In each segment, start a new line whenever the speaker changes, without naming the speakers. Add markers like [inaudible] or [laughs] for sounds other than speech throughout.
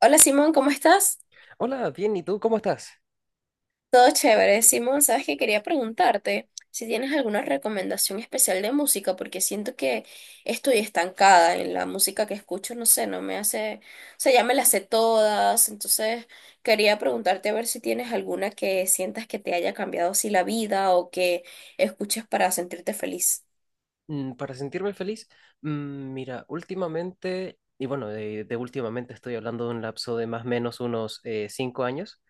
Hola, Simón, ¿cómo estás?
Hola, bien, ¿y tú cómo estás?
Todo chévere. Simón, sabes que quería preguntarte si tienes alguna recomendación especial de música, porque siento que estoy estancada en la música que escucho, no sé, no me hace, o sea, ya me las sé todas, entonces quería preguntarte a ver si tienes alguna que sientas que te haya cambiado así la vida o que escuches para sentirte feliz.
Mm, para sentirme feliz, mm, mira, últimamente, y bueno, de últimamente estoy hablando de un lapso de más o menos unos 5 años.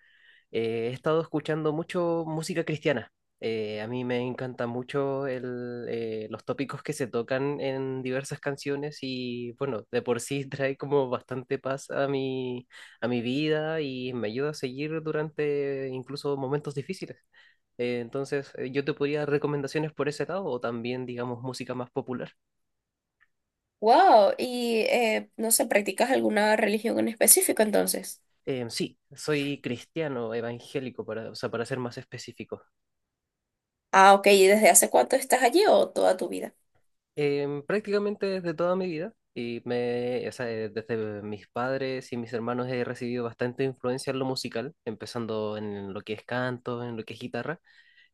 He estado escuchando mucho música cristiana. A mí me encanta mucho los tópicos que se tocan en diversas canciones y bueno, de por sí [laughs] trae como bastante paz a a mi vida y me ayuda a seguir durante incluso momentos difíciles. Entonces, yo te podría dar recomendaciones por ese lado o también, digamos, música más popular.
Wow, y no sé, ¿practicas alguna religión en específico entonces?
Sí, soy cristiano evangélico, para, o sea, para ser más específico.
Ah, ok, ¿y desde hace cuánto estás allí o toda tu vida?
Prácticamente desde toda mi vida, y o sea, desde mis padres y mis hermanos he recibido bastante influencia en lo musical, empezando en lo que es canto, en lo que es guitarra,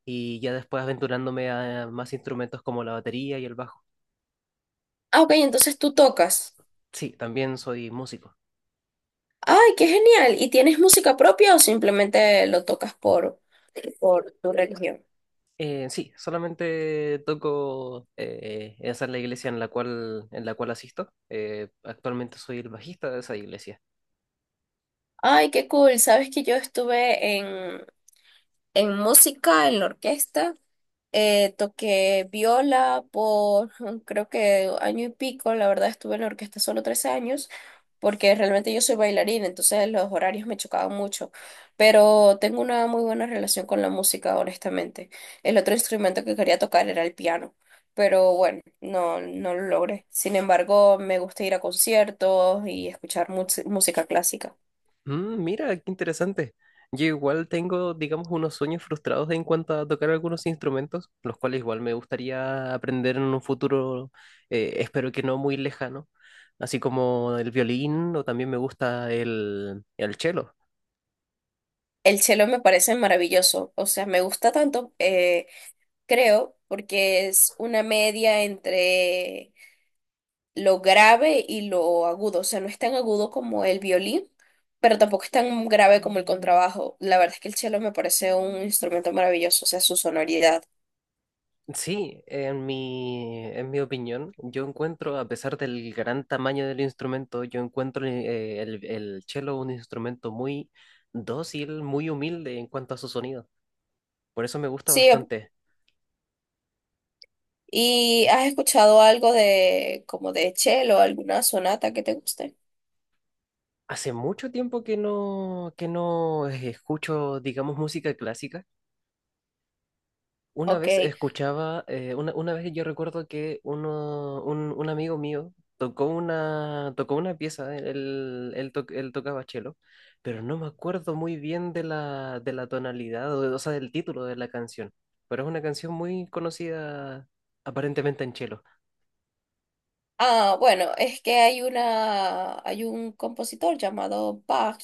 y ya después aventurándome a más instrumentos como la batería y el bajo.
Ah, ok, entonces tú tocas.
Sí, también soy músico.
Ay, qué genial. ¿Y tienes música propia o simplemente lo tocas por tu religión?
Sí, solamente toco esa es la iglesia en en la cual asisto. Actualmente soy el bajista de esa iglesia.
Ay, qué cool. Sabes que yo estuve en música, en la orquesta. Toqué viola por [laughs] creo que año y pico, la verdad estuve en la orquesta solo 13 años, porque realmente yo soy bailarina, entonces los horarios me chocaban mucho, pero tengo una muy buena relación con la música, honestamente. El otro instrumento que quería tocar era el piano, pero bueno, no lo logré. Sin embargo, me gusta ir a conciertos y escuchar música clásica.
Mm, mira, qué interesante. Yo igual tengo, digamos, unos sueños frustrados en cuanto a tocar algunos instrumentos, los cuales igual me gustaría aprender en un futuro, espero que no muy lejano, así como el violín o también me gusta el cello.
El cello me parece maravilloso, o sea, me gusta tanto. Creo, porque es una media entre lo grave y lo agudo. O sea, no es tan agudo como el violín, pero tampoco es tan grave como el contrabajo. La verdad es que el cello me parece un instrumento maravilloso, o sea, su sonoridad.
Sí, en mi opinión, yo encuentro, a pesar del gran tamaño del instrumento, yo encuentro el cello un instrumento muy dócil, muy humilde en cuanto a su sonido. Por eso me gusta
Sí,
bastante.
¿y has escuchado algo de como de cello, alguna sonata que te guste?
Hace mucho tiempo que no escucho, digamos, música clásica. Una
Ok.
vez escuchaba, una vez yo recuerdo que un amigo mío tocó una pieza, él tocaba cello, pero no me acuerdo muy bien de de la tonalidad, o sea, del título de la canción. Pero es una canción muy conocida aparentemente en cello.
Ah, bueno, es que hay un compositor llamado Bach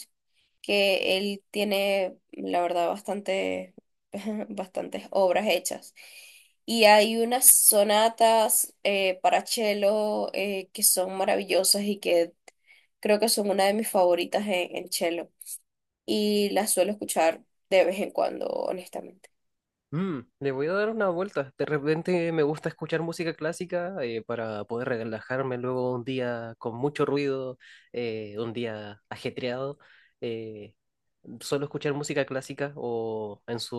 que él tiene, la verdad, bastante, [laughs] bastantes obras hechas. Y hay unas sonatas para cello que son maravillosas y que creo que son una de mis favoritas en cello. Y las suelo escuchar de vez en cuando, honestamente.
Mm, le voy a dar una vuelta. De repente me gusta escuchar música clásica para poder relajarme luego un día con mucho ruido, un día ajetreado. eh, Suelo escuchar música clásica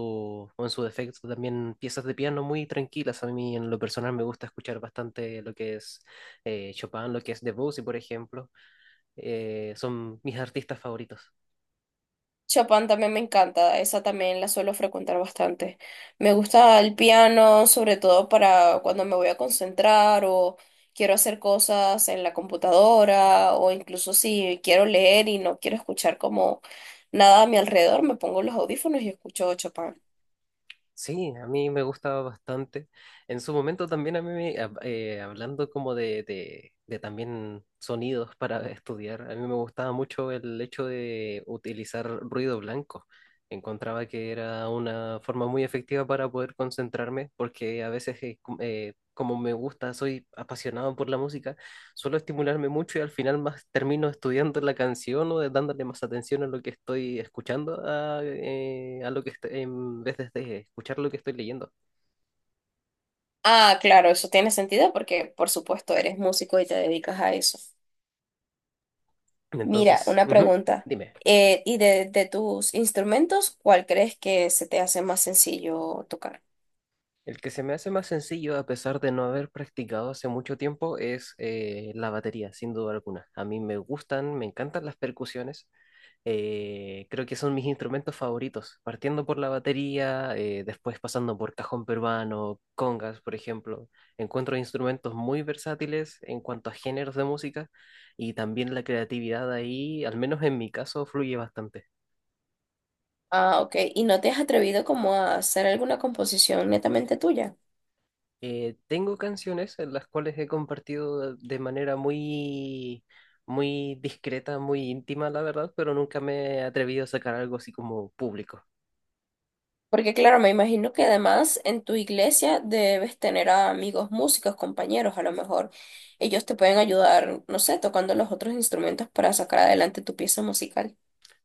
o en su defecto también piezas de piano muy tranquilas. A mí en lo personal me gusta escuchar bastante lo que es Chopin, lo que es Debussy, por ejemplo. Son mis artistas favoritos.
Chopin también me encanta, esa también la suelo frecuentar bastante. Me gusta el piano, sobre todo para cuando me voy a concentrar o quiero hacer cosas en la computadora o incluso si quiero leer y no quiero escuchar como nada a mi alrededor, me pongo los audífonos y escucho Chopin.
Sí, a mí me gusta bastante. En su momento también a mí, hablando como de también sonidos para [laughs] estudiar, a mí me gustaba mucho el hecho de utilizar ruido blanco. Encontraba que era una forma muy efectiva para poder concentrarme, porque a veces, como me gusta, soy apasionado por la música, suelo estimularme mucho y al final más termino estudiando la canción o dándole más atención a lo que estoy escuchando a lo que en vez de escuchar lo que estoy leyendo.
Ah, claro, eso tiene sentido porque por supuesto eres músico y te dedicas a eso. Mira,
Entonces,
una
ujú,
pregunta.
dime,
¿Y de tus instrumentos, cuál crees que se te hace más sencillo tocar?
el que se me hace más sencillo a pesar de no haber practicado hace mucho tiempo es la batería, sin duda alguna. A mí me encantan las percusiones. Creo que son mis instrumentos favoritos, partiendo por la batería, después pasando por cajón peruano, congas, por ejemplo. Encuentro instrumentos muy versátiles en cuanto a géneros de música y también la creatividad ahí, al menos en mi caso, fluye bastante.
Ah, ok. ¿Y no te has atrevido como a hacer alguna composición netamente tuya?
Tengo canciones en las cuales he compartido de manera muy discreta, muy íntima, la verdad, pero nunca me he atrevido a sacar algo así como público.
Porque claro, me imagino que además en tu iglesia debes tener a amigos músicos, compañeros, a lo mejor ellos te pueden ayudar, no sé, tocando los otros instrumentos para sacar adelante tu pieza musical.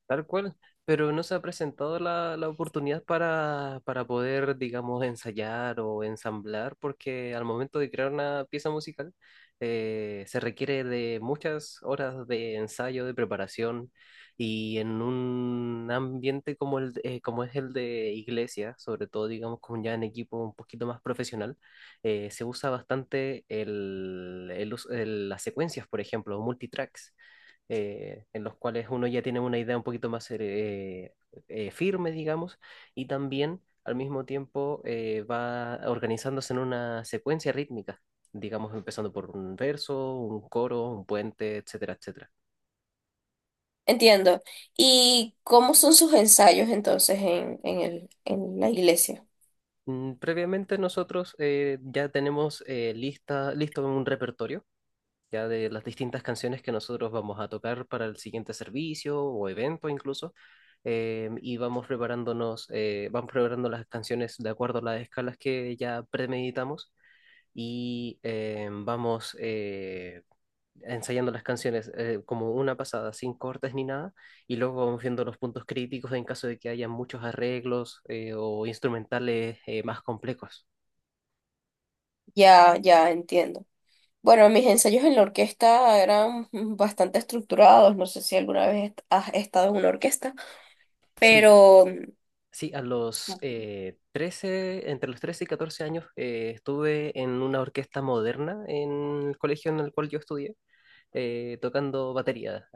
Tal cual, pero no se ha presentado la oportunidad para poder, digamos, ensayar o ensamblar, porque al momento de crear una pieza musical se requiere de muchas horas de ensayo, de preparación, y en un ambiente como es el de iglesia, sobre todo, digamos, como ya en equipo un poquito más profesional, se usa bastante las secuencias, por ejemplo, multitracks en los cuales uno ya tiene una idea un poquito más firme, digamos, y también al mismo tiempo va organizándose en una secuencia rítmica, digamos, empezando por un verso, un coro, un puente, etcétera, etcétera.
Entiendo. ¿Y cómo son sus ensayos entonces en la iglesia?
Mm, previamente nosotros ya tenemos listo un repertorio ya de las distintas canciones que nosotros vamos a tocar para el siguiente servicio o evento incluso, y vamos preparándonos, vamos preparando las canciones de acuerdo a las escalas que ya premeditamos y vamos ensayando las canciones como una pasada, sin cortes ni nada, y luego vamos viendo los puntos críticos en caso de que haya muchos arreglos o instrumentales más complejos.
Ya, ya entiendo. Bueno, mis ensayos en la orquesta eran bastante estructurados. No sé si alguna vez has estado en una orquesta.
Sí,
Pero, mm,
sí, a los 13, entre los 13 y 14 años, estuve en una orquesta moderna en el colegio en el cual yo estudié, tocando batería.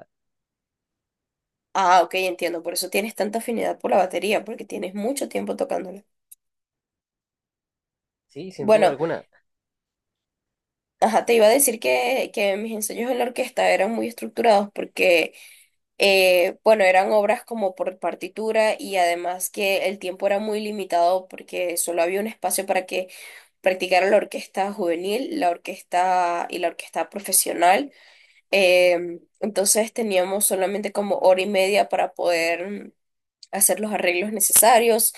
ah, ok, entiendo, por eso tienes tanta afinidad por la batería, porque tienes mucho tiempo tocándola.
Sí, sin duda
Bueno,
alguna.
ajá, te iba a decir que mis ensayos en la orquesta eran muy estructurados porque, bueno, eran obras como por partitura y además que el tiempo era muy limitado porque solo había un espacio para que practicara la orquesta juvenil, la orquesta y la orquesta profesional. Em, entonces teníamos solamente como 1 hora y media para poder mm, hacer los arreglos necesarios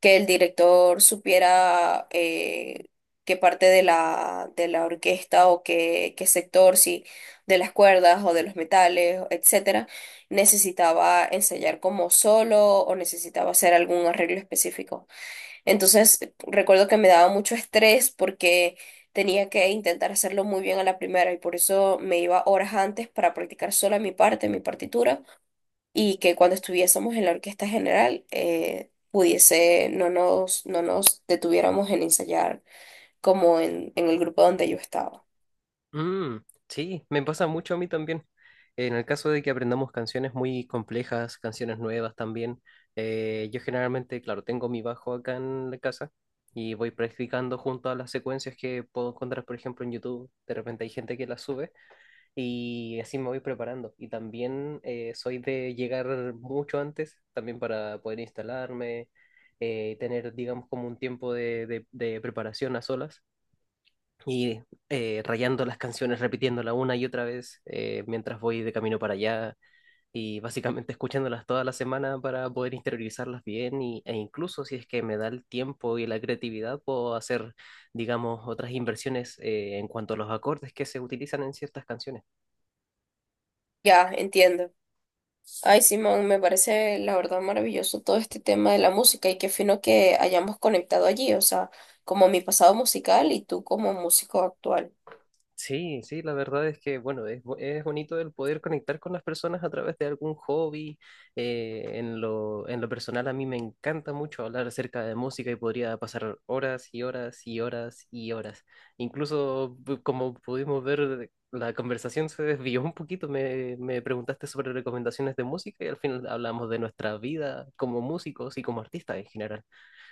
que el director supiera qué parte de de la orquesta o qué sector, si de las cuerdas o de los metales, etcétera, necesitaba ensayar como solo o necesitaba hacer algún arreglo específico. Entonces, recuerdo que me daba mucho estrés porque tenía que intentar hacerlo muy bien a la primera y por eso me iba horas antes para practicar sola mi parte, mi partitura y que cuando estuviésemos en la orquesta general pudiese, no nos detuviéramos en ensayar como en el grupo donde yo estaba.
Mm, sí, me pasa mucho a mí también. En el caso de que aprendamos canciones muy complejas, canciones nuevas también, yo generalmente, claro, tengo mi bajo acá en la casa y voy practicando junto a las secuencias que puedo encontrar, por ejemplo, en YouTube. De repente hay gente que las sube. Y así me voy preparando. Y también soy de llegar mucho antes, también para poder instalarme, tener, digamos, como un tiempo de preparación a solas. Y rayando las canciones, repitiéndola una y otra vez mientras voy de camino para allá. Y básicamente escuchándolas toda la semana para poder interiorizarlas bien. Y, e incluso si es que me da el tiempo y la creatividad, puedo hacer, digamos, otras inversiones en cuanto a los acordes que se utilizan en ciertas canciones.
Ya, entiendo. Ay, Simón, me parece la verdad maravilloso todo este tema de la música y qué fino que hayamos conectado allí, o sea, como mi pasado musical y tú como músico actual.
Sí, sí, la verdad es que, bueno, es bonito el poder conectar con las personas a través de algún hobby. En lo personal, a mí me encanta mucho hablar acerca de música y podría pasar horas y horas y horas y horas. Incluso, como pudimos ver, la conversación se desvió un poquito. Me preguntaste sobre recomendaciones de música y al final hablamos de nuestra vida como músicos y como artistas en general.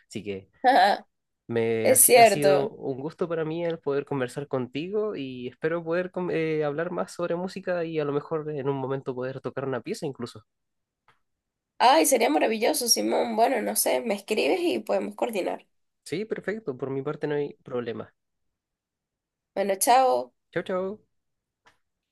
Así que...
[laughs]
Me ha,
Es
si- ha sido
cierto.
un gusto para mí el poder conversar contigo y espero poder hablar más sobre música y a lo mejor en un momento poder tocar una pieza incluso.
Ay, sería maravilloso, Simón. Bueno, no sé, me escribes y podemos coordinar.
Sí, perfecto, por mi parte no hay problema.
Bueno, chao.
Chao, chao.